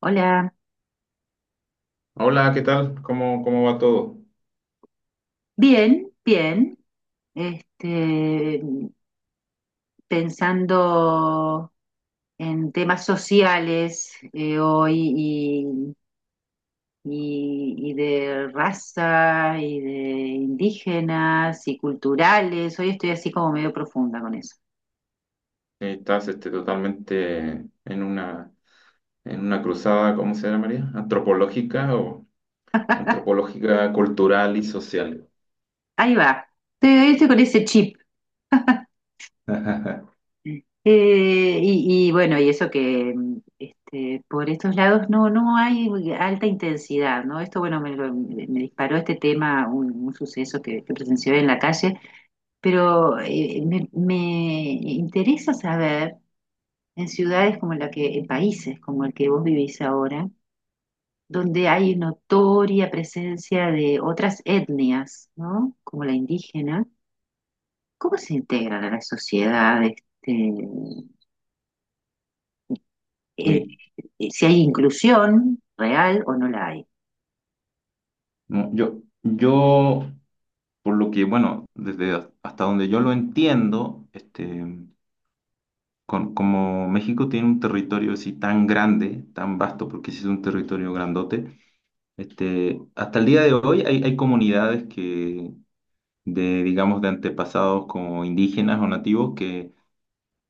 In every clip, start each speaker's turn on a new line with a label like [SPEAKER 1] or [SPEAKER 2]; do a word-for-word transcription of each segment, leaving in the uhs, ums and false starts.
[SPEAKER 1] Hola,
[SPEAKER 2] Hola, ¿qué tal? ¿Cómo, cómo va todo?
[SPEAKER 1] bien, bien. Este, Pensando en temas sociales eh, hoy y, y- y de raza y de indígenas y culturales. Hoy estoy así como medio profunda con eso.
[SPEAKER 2] Eh, Estás este, totalmente en una, en una cruzada, ¿cómo se llama María? ¿Antropológica o antropológica, cultural y social?
[SPEAKER 1] Ahí va. Estoy, hoy estoy con ese chip. Eh, y, y bueno, y eso que mm, este, por estos lados no, no hay alta intensidad, ¿no? Esto, bueno, me, lo- me disparó este tema, un, un suceso que, que presencié en la calle, pero eh, me, me interesa saber en ciudades como la que, en países como el que vos vivís ahora, donde hay notoria presencia de otras etnias, ¿no? Como la indígena, ¿cómo se integran a la sociedad? este, e-
[SPEAKER 2] Sí.
[SPEAKER 1] eh, ¿Si hay inclusión real o no la hay?
[SPEAKER 2] No, yo, yo, por lo que, bueno, desde a- hasta donde yo lo entiendo, este, con- como México tiene un territorio así tan grande, tan vasto, porque sí es un territorio grandote, este, hasta el día de hoy hay, hay comunidades que, de, digamos, de antepasados como indígenas o nativos que,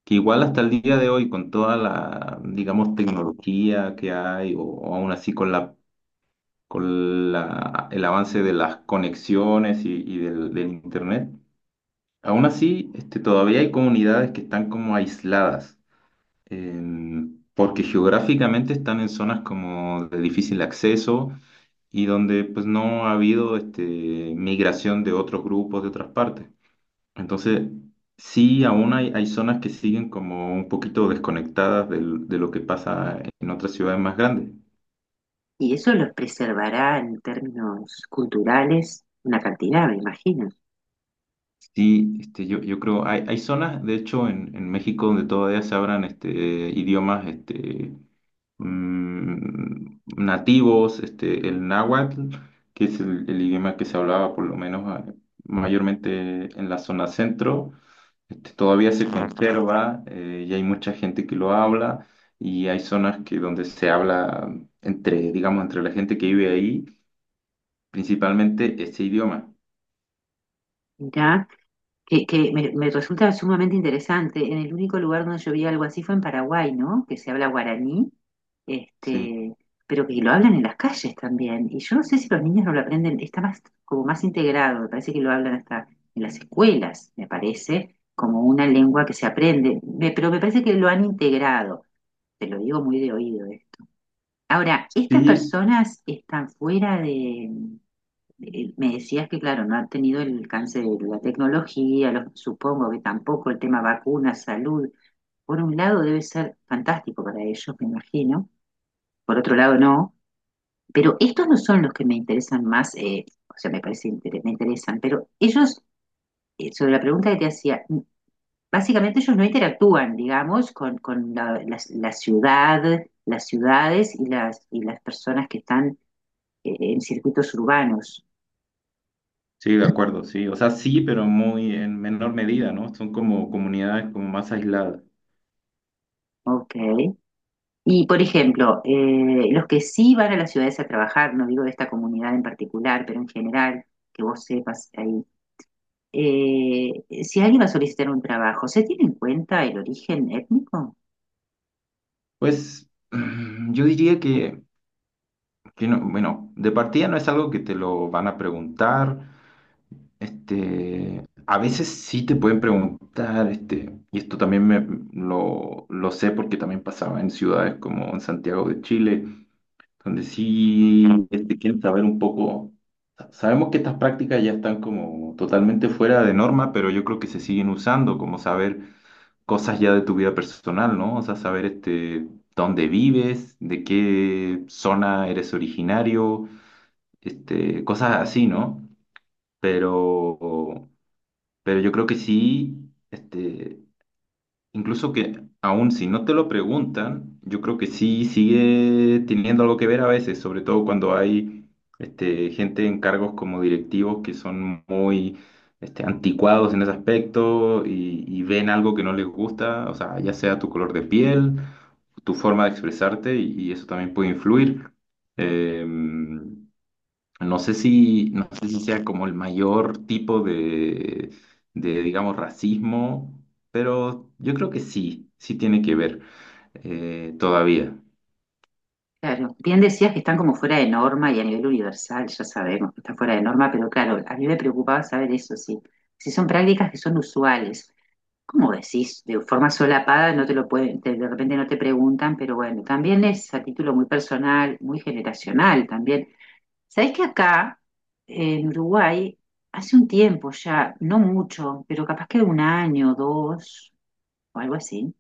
[SPEAKER 2] que igual hasta el día de hoy, con toda la, digamos, tecnología que hay, o, o aún así con la, con la, el avance de las conexiones y, y del, del Internet, aún así, este, todavía hay comunidades que están como aisladas. Em, porque geográficamente están en zonas como de difícil acceso y donde pues no ha habido este, migración de otros grupos de otras partes. Entonces, sí, aún hay, hay zonas que siguen como un poquito desconectadas del- de lo que pasa en otras ciudades más grandes.
[SPEAKER 1] Y eso los preservará en términos culturales una cantidad, me imagino.
[SPEAKER 2] Sí, este, yo, yo creo, hay, hay zonas, de hecho, en, en México donde todavía se hablan este, idiomas este, mm, nativos, este, el náhuatl, que es el, el idioma que se hablaba por lo menos ah, mayormente en la zona centro. Este, todavía se conserva, eh, y hay mucha gente que lo habla y hay zonas que donde se habla entre, digamos, entre la gente que vive ahí, principalmente este idioma.
[SPEAKER 1] Mirá, que, que me, me resulta sumamente interesante. En el único lugar donde yo vi algo así fue en Paraguay, ¿no? Que se habla guaraní,
[SPEAKER 2] Sí,
[SPEAKER 1] este, pero que lo hablan en las calles también. Y yo no sé si los niños no lo aprenden, está más, como más integrado, me parece que lo hablan hasta en las escuelas, me parece, como una lengua que se aprende. Me- pero me parece que lo han integrado. Te lo digo muy de oído, ¿eh? Ahora, estas
[SPEAKER 2] sí,
[SPEAKER 1] personas están fuera de, de- me decías que, claro, no han tenido el alcance de la tecnología, lo- supongo que tampoco el tema vacunas, salud. Por un lado debe ser fantástico para ellos, me imagino, por otro lado no, pero estos no son los que me interesan más, eh, o sea, me parece inter- me interesan, pero ellos, eh, sobre la pregunta que te hacía, básicamente ellos no interactúan, digamos, con, con la, la- la ciudad, las ciudades y las, y las personas que están eh, en circuitos urbanos.
[SPEAKER 2] sí, de acuerdo, sí. O sea, sí, pero muy en menor medida, ¿no? Son como comunidades como más aisladas.
[SPEAKER 1] Ok. Y, por ejemplo, eh, los que sí van a las ciudades a trabajar, no digo de esta comunidad en particular, pero en general, que vos sepas ahí, eh, si alguien va a solicitar un trabajo, ¿se tiene en cuenta el origen étnico?
[SPEAKER 2] Pues yo diría que, que no, bueno, de partida no es algo que te lo van a preguntar. Este, a veces sí te pueden preguntar, este, y esto también me, lo, lo sé porque también pasaba en ciudades como en Santiago de Chile, donde sí este, quieren saber un poco. sa- Sabemos que estas prácticas ya están como totalmente fuera de norma, pero yo creo que se siguen usando, como saber cosas ya de tu vida personal, ¿no? O sea, saber este, dónde vives, de qué zona eres originario, este, cosas así, ¿no? Pero pero yo creo que sí, este, incluso que aun si no te lo preguntan, yo creo que sí sigue teniendo algo que ver a veces, sobre todo cuando hay este, gente en cargos como directivos que son muy este, anticuados en ese aspecto y, y ven algo que no les gusta, o sea, ya sea tu color de piel, tu forma de expresarte y, y eso también puede influir. Em, no sé si, no sé si sea como el mayor tipo de, de, digamos, racismo, pero yo creo que sí, sí tiene que ver, eh, todavía.
[SPEAKER 1] Claro, bien decías que están como fuera de norma y a nivel universal, ya sabemos que están fuera de norma, pero claro, a mí me preocupaba saber eso, sí. Si son prácticas que son usuales, ¿cómo decís? De forma solapada no te lo pueden, te- de repente no te preguntan, pero bueno, también es a título muy personal, muy generacional también. Sabés que acá, en Uruguay, hace un tiempo ya, no mucho, pero capaz que un año, dos, o algo así,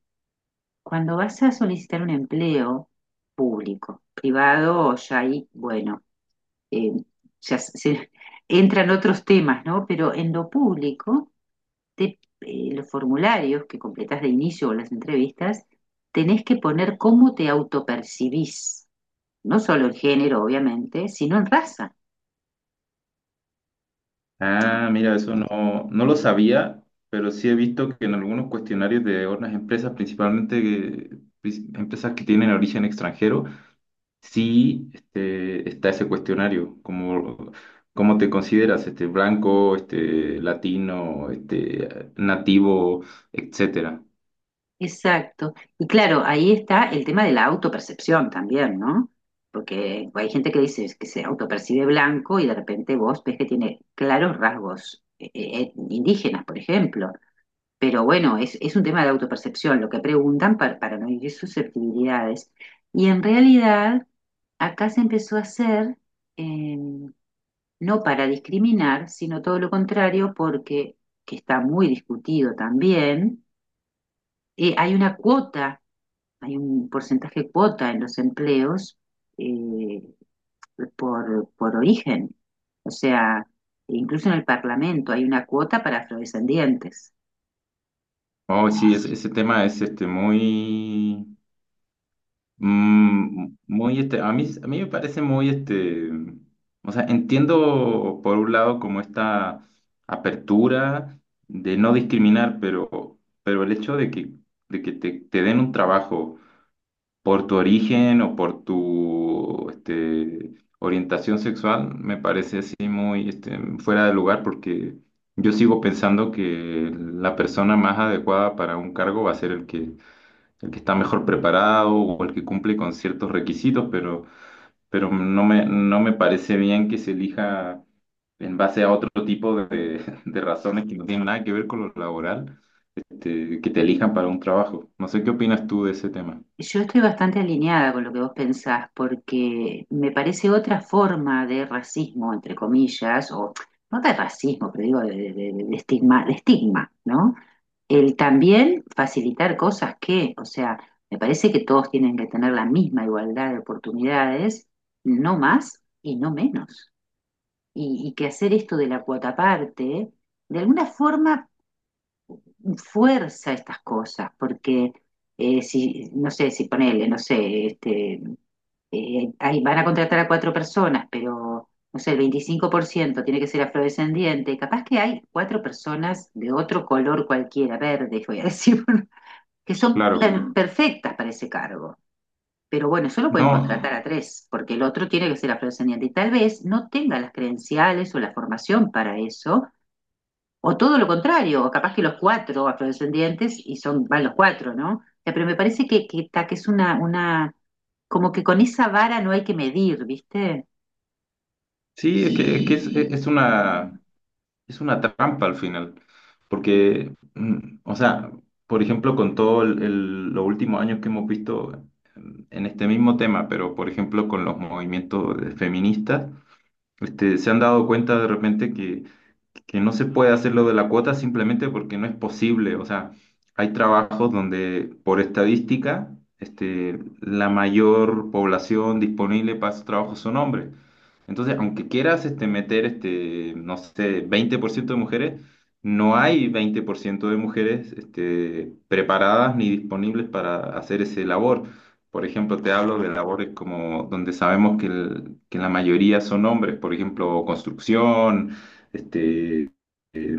[SPEAKER 1] cuando vas a solicitar un empleo público, privado, ya ahí, bueno, eh, ya se- se- entran otros temas, ¿no? Pero en lo público, te- eh, los formularios que completas de inicio o las entrevistas, tenés que poner cómo te autopercibís, no solo en género, obviamente, sino en raza.
[SPEAKER 2] Ah, mira, eso no, no lo sabía, pero sí he visto que en algunos cuestionarios de otras empresas, principalmente eh, pris- empresas que tienen origen extranjero. Sí, este, está ese cuestionario, como cómo te consideras, este, blanco, este, latino, este, nativo, etcétera.
[SPEAKER 1] Exacto. Y claro, ahí está el tema de la autopercepción también, ¿no? Porque hay gente que dice que se autopercibe blanco y de repente vos ves que tiene claros rasgos eh, eh, indígenas, por ejemplo. Pero bueno, es, es un tema de autopercepción, lo que preguntan para, para no herir susceptibilidades. Y en realidad, acá se empezó a hacer, eh, no para discriminar, sino todo lo contrario, porque, que está muy discutido también, eh, hay una cuota, hay un porcentaje cuota en los empleos eh, por, por origen. O sea, incluso en el Parlamento hay una cuota para afrodescendientes.
[SPEAKER 2] Oh, sí, ese, ese tema es este muy, mm, muy este, a mí, a mí me parece muy este, o sea, entiendo por un lado como esta apertura de no discriminar, pero, pero el hecho de que, de que te, te den un trabajo por tu origen o por tu este, orientación sexual, me parece así muy este, fuera de lugar porque yo sigo pensando que la persona más adecuada para un cargo va a ser el que, el que está mejor preparado o el que cumple con ciertos requisitos, pero, pero no me, no me parece bien que se elija en base a otro tipo de, de razones que no tienen nada que ver con lo laboral, este, que te elijan para un trabajo. No sé qué opinas tú de ese tema.
[SPEAKER 1] Yo estoy bastante alineada con lo que vos pensás, porque me parece otra forma de racismo, entre comillas, o no de racismo, pero digo de, de- de- de estigma, de estigma, ¿no? El también facilitar cosas que, o sea, me parece que todos tienen que tener la misma igualdad de oportunidades, no más y no menos. Y, y que hacer esto de la cuota parte, de alguna forma fuerza estas cosas, porque eh, si, no sé, si ponele, no sé, este, eh, ahí van a contratar a cuatro personas, pero no sé, el veinticinco por ciento tiene que ser afrodescendiente, capaz que hay cuatro personas de otro color cualquiera, verde, voy a decir, que son
[SPEAKER 2] Claro.
[SPEAKER 1] per- perfectas para ese cargo. Pero bueno, solo pueden
[SPEAKER 2] No,
[SPEAKER 1] contratar a tres, porque el otro tiene que ser afrodescendiente y tal vez no tenga las credenciales o la formación para eso, o todo lo contrario, o capaz que los cuatro afrodescendientes y son, van los cuatro, ¿no? O sea, pero me parece que, que, ta- que es una, una, como que con esa vara no hay que medir, ¿viste?
[SPEAKER 2] sí,
[SPEAKER 1] Sí,
[SPEAKER 2] es que, es, que es, e, es una, es una trampa al final, porque, mm, o sea, por ejemplo, con todo el, el- los últimos años que hemos visto en este mismo tema, pero por ejemplo con los movimientos feministas, este, se han dado cuenta de repente que no se puede hacer lo de la cuota simplemente porque no es posible. O sea, hay trabajos donde por estadística, este, la mayor población disponible para esos trabajos son hombres. Entonces, aunque quieras este, meter, este, no sé, veinte por ciento de mujeres, no hay veinte por ciento de mujeres este, preparadas ni disponibles para hacer ese labor. Por ejemplo, te hablo de labores como donde sabemos que, el- que la mayoría son hombres, por ejemplo, construcción, este, eh,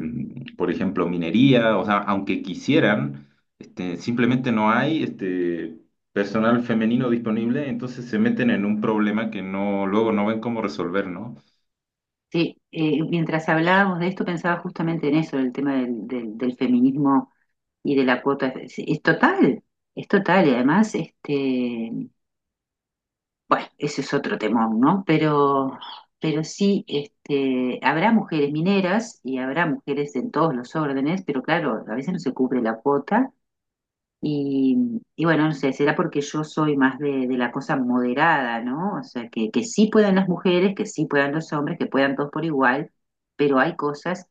[SPEAKER 2] por ejemplo, minería, o sea, aunque quisieran, este, simplemente no hay este, personal femenino disponible, entonces se meten en un problema que no, luego no ven cómo resolver, ¿no?
[SPEAKER 1] eh, mientras hablábamos de esto pensaba justamente en eso, en el tema del, del- del feminismo y de la cuota. Es, es total, es total. Y además, este, bueno, ese es otro temón, ¿no? Pero, pero sí, este, habrá mujeres mineras y habrá mujeres en todos los órdenes, pero claro, a veces no se cubre la cuota y, y bueno, no sé, será porque yo soy más de, de la cosa moderada, ¿no? O sea, que, que sí puedan las mujeres, que sí puedan los hombres, que puedan todos por igual, pero hay cosas,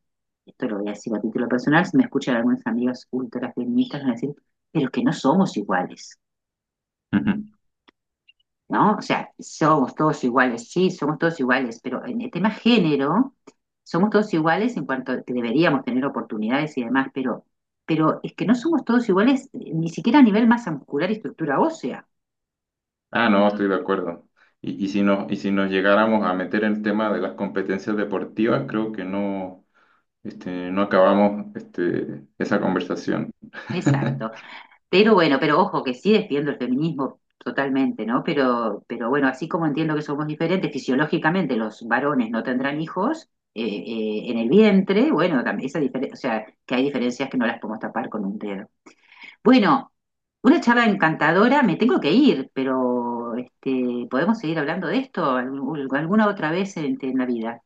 [SPEAKER 1] esto lo voy a decir a título personal, si me escuchan algunos amigos ultrafeministas, van a decir, pero que no somos iguales.
[SPEAKER 2] Ujú.
[SPEAKER 1] ¿No? O sea, somos todos iguales, sí, somos todos iguales, pero en el tema género, somos todos iguales en cuanto a que deberíamos tener oportunidades y demás, pero, pero es que no somos todos iguales, eh, ni siquiera a nivel masa muscular y estructura ósea.
[SPEAKER 2] Ah, no, estoy de acuerdo. Y, y si nos, y si nos llegáramos a meter el tema de las competencias deportivas, creo que no, este, no acabamos este, esa conversación.
[SPEAKER 1] Exacto. Pero bueno, pero ojo que sí defiendo el feminismo totalmente, ¿no? Pero, pero bueno, así como entiendo que somos diferentes, fisiológicamente los varones no tendrán hijos eh, eh, en el vientre, bueno, tam- esa difere- o sea, que hay diferencias que no las podemos tapar con un dedo. Bueno, una charla encantadora, me tengo que ir, pero este, podemos seguir hablando de esto algún- alguna otra vez en, en la vida.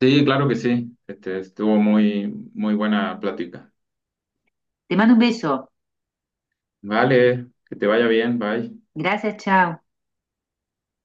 [SPEAKER 2] Sí, claro que sí. Este, estuvo muy, muy buena plática.
[SPEAKER 1] Te mando un beso.
[SPEAKER 2] Vale, que te vaya bien, bye.
[SPEAKER 1] Gracias, chao.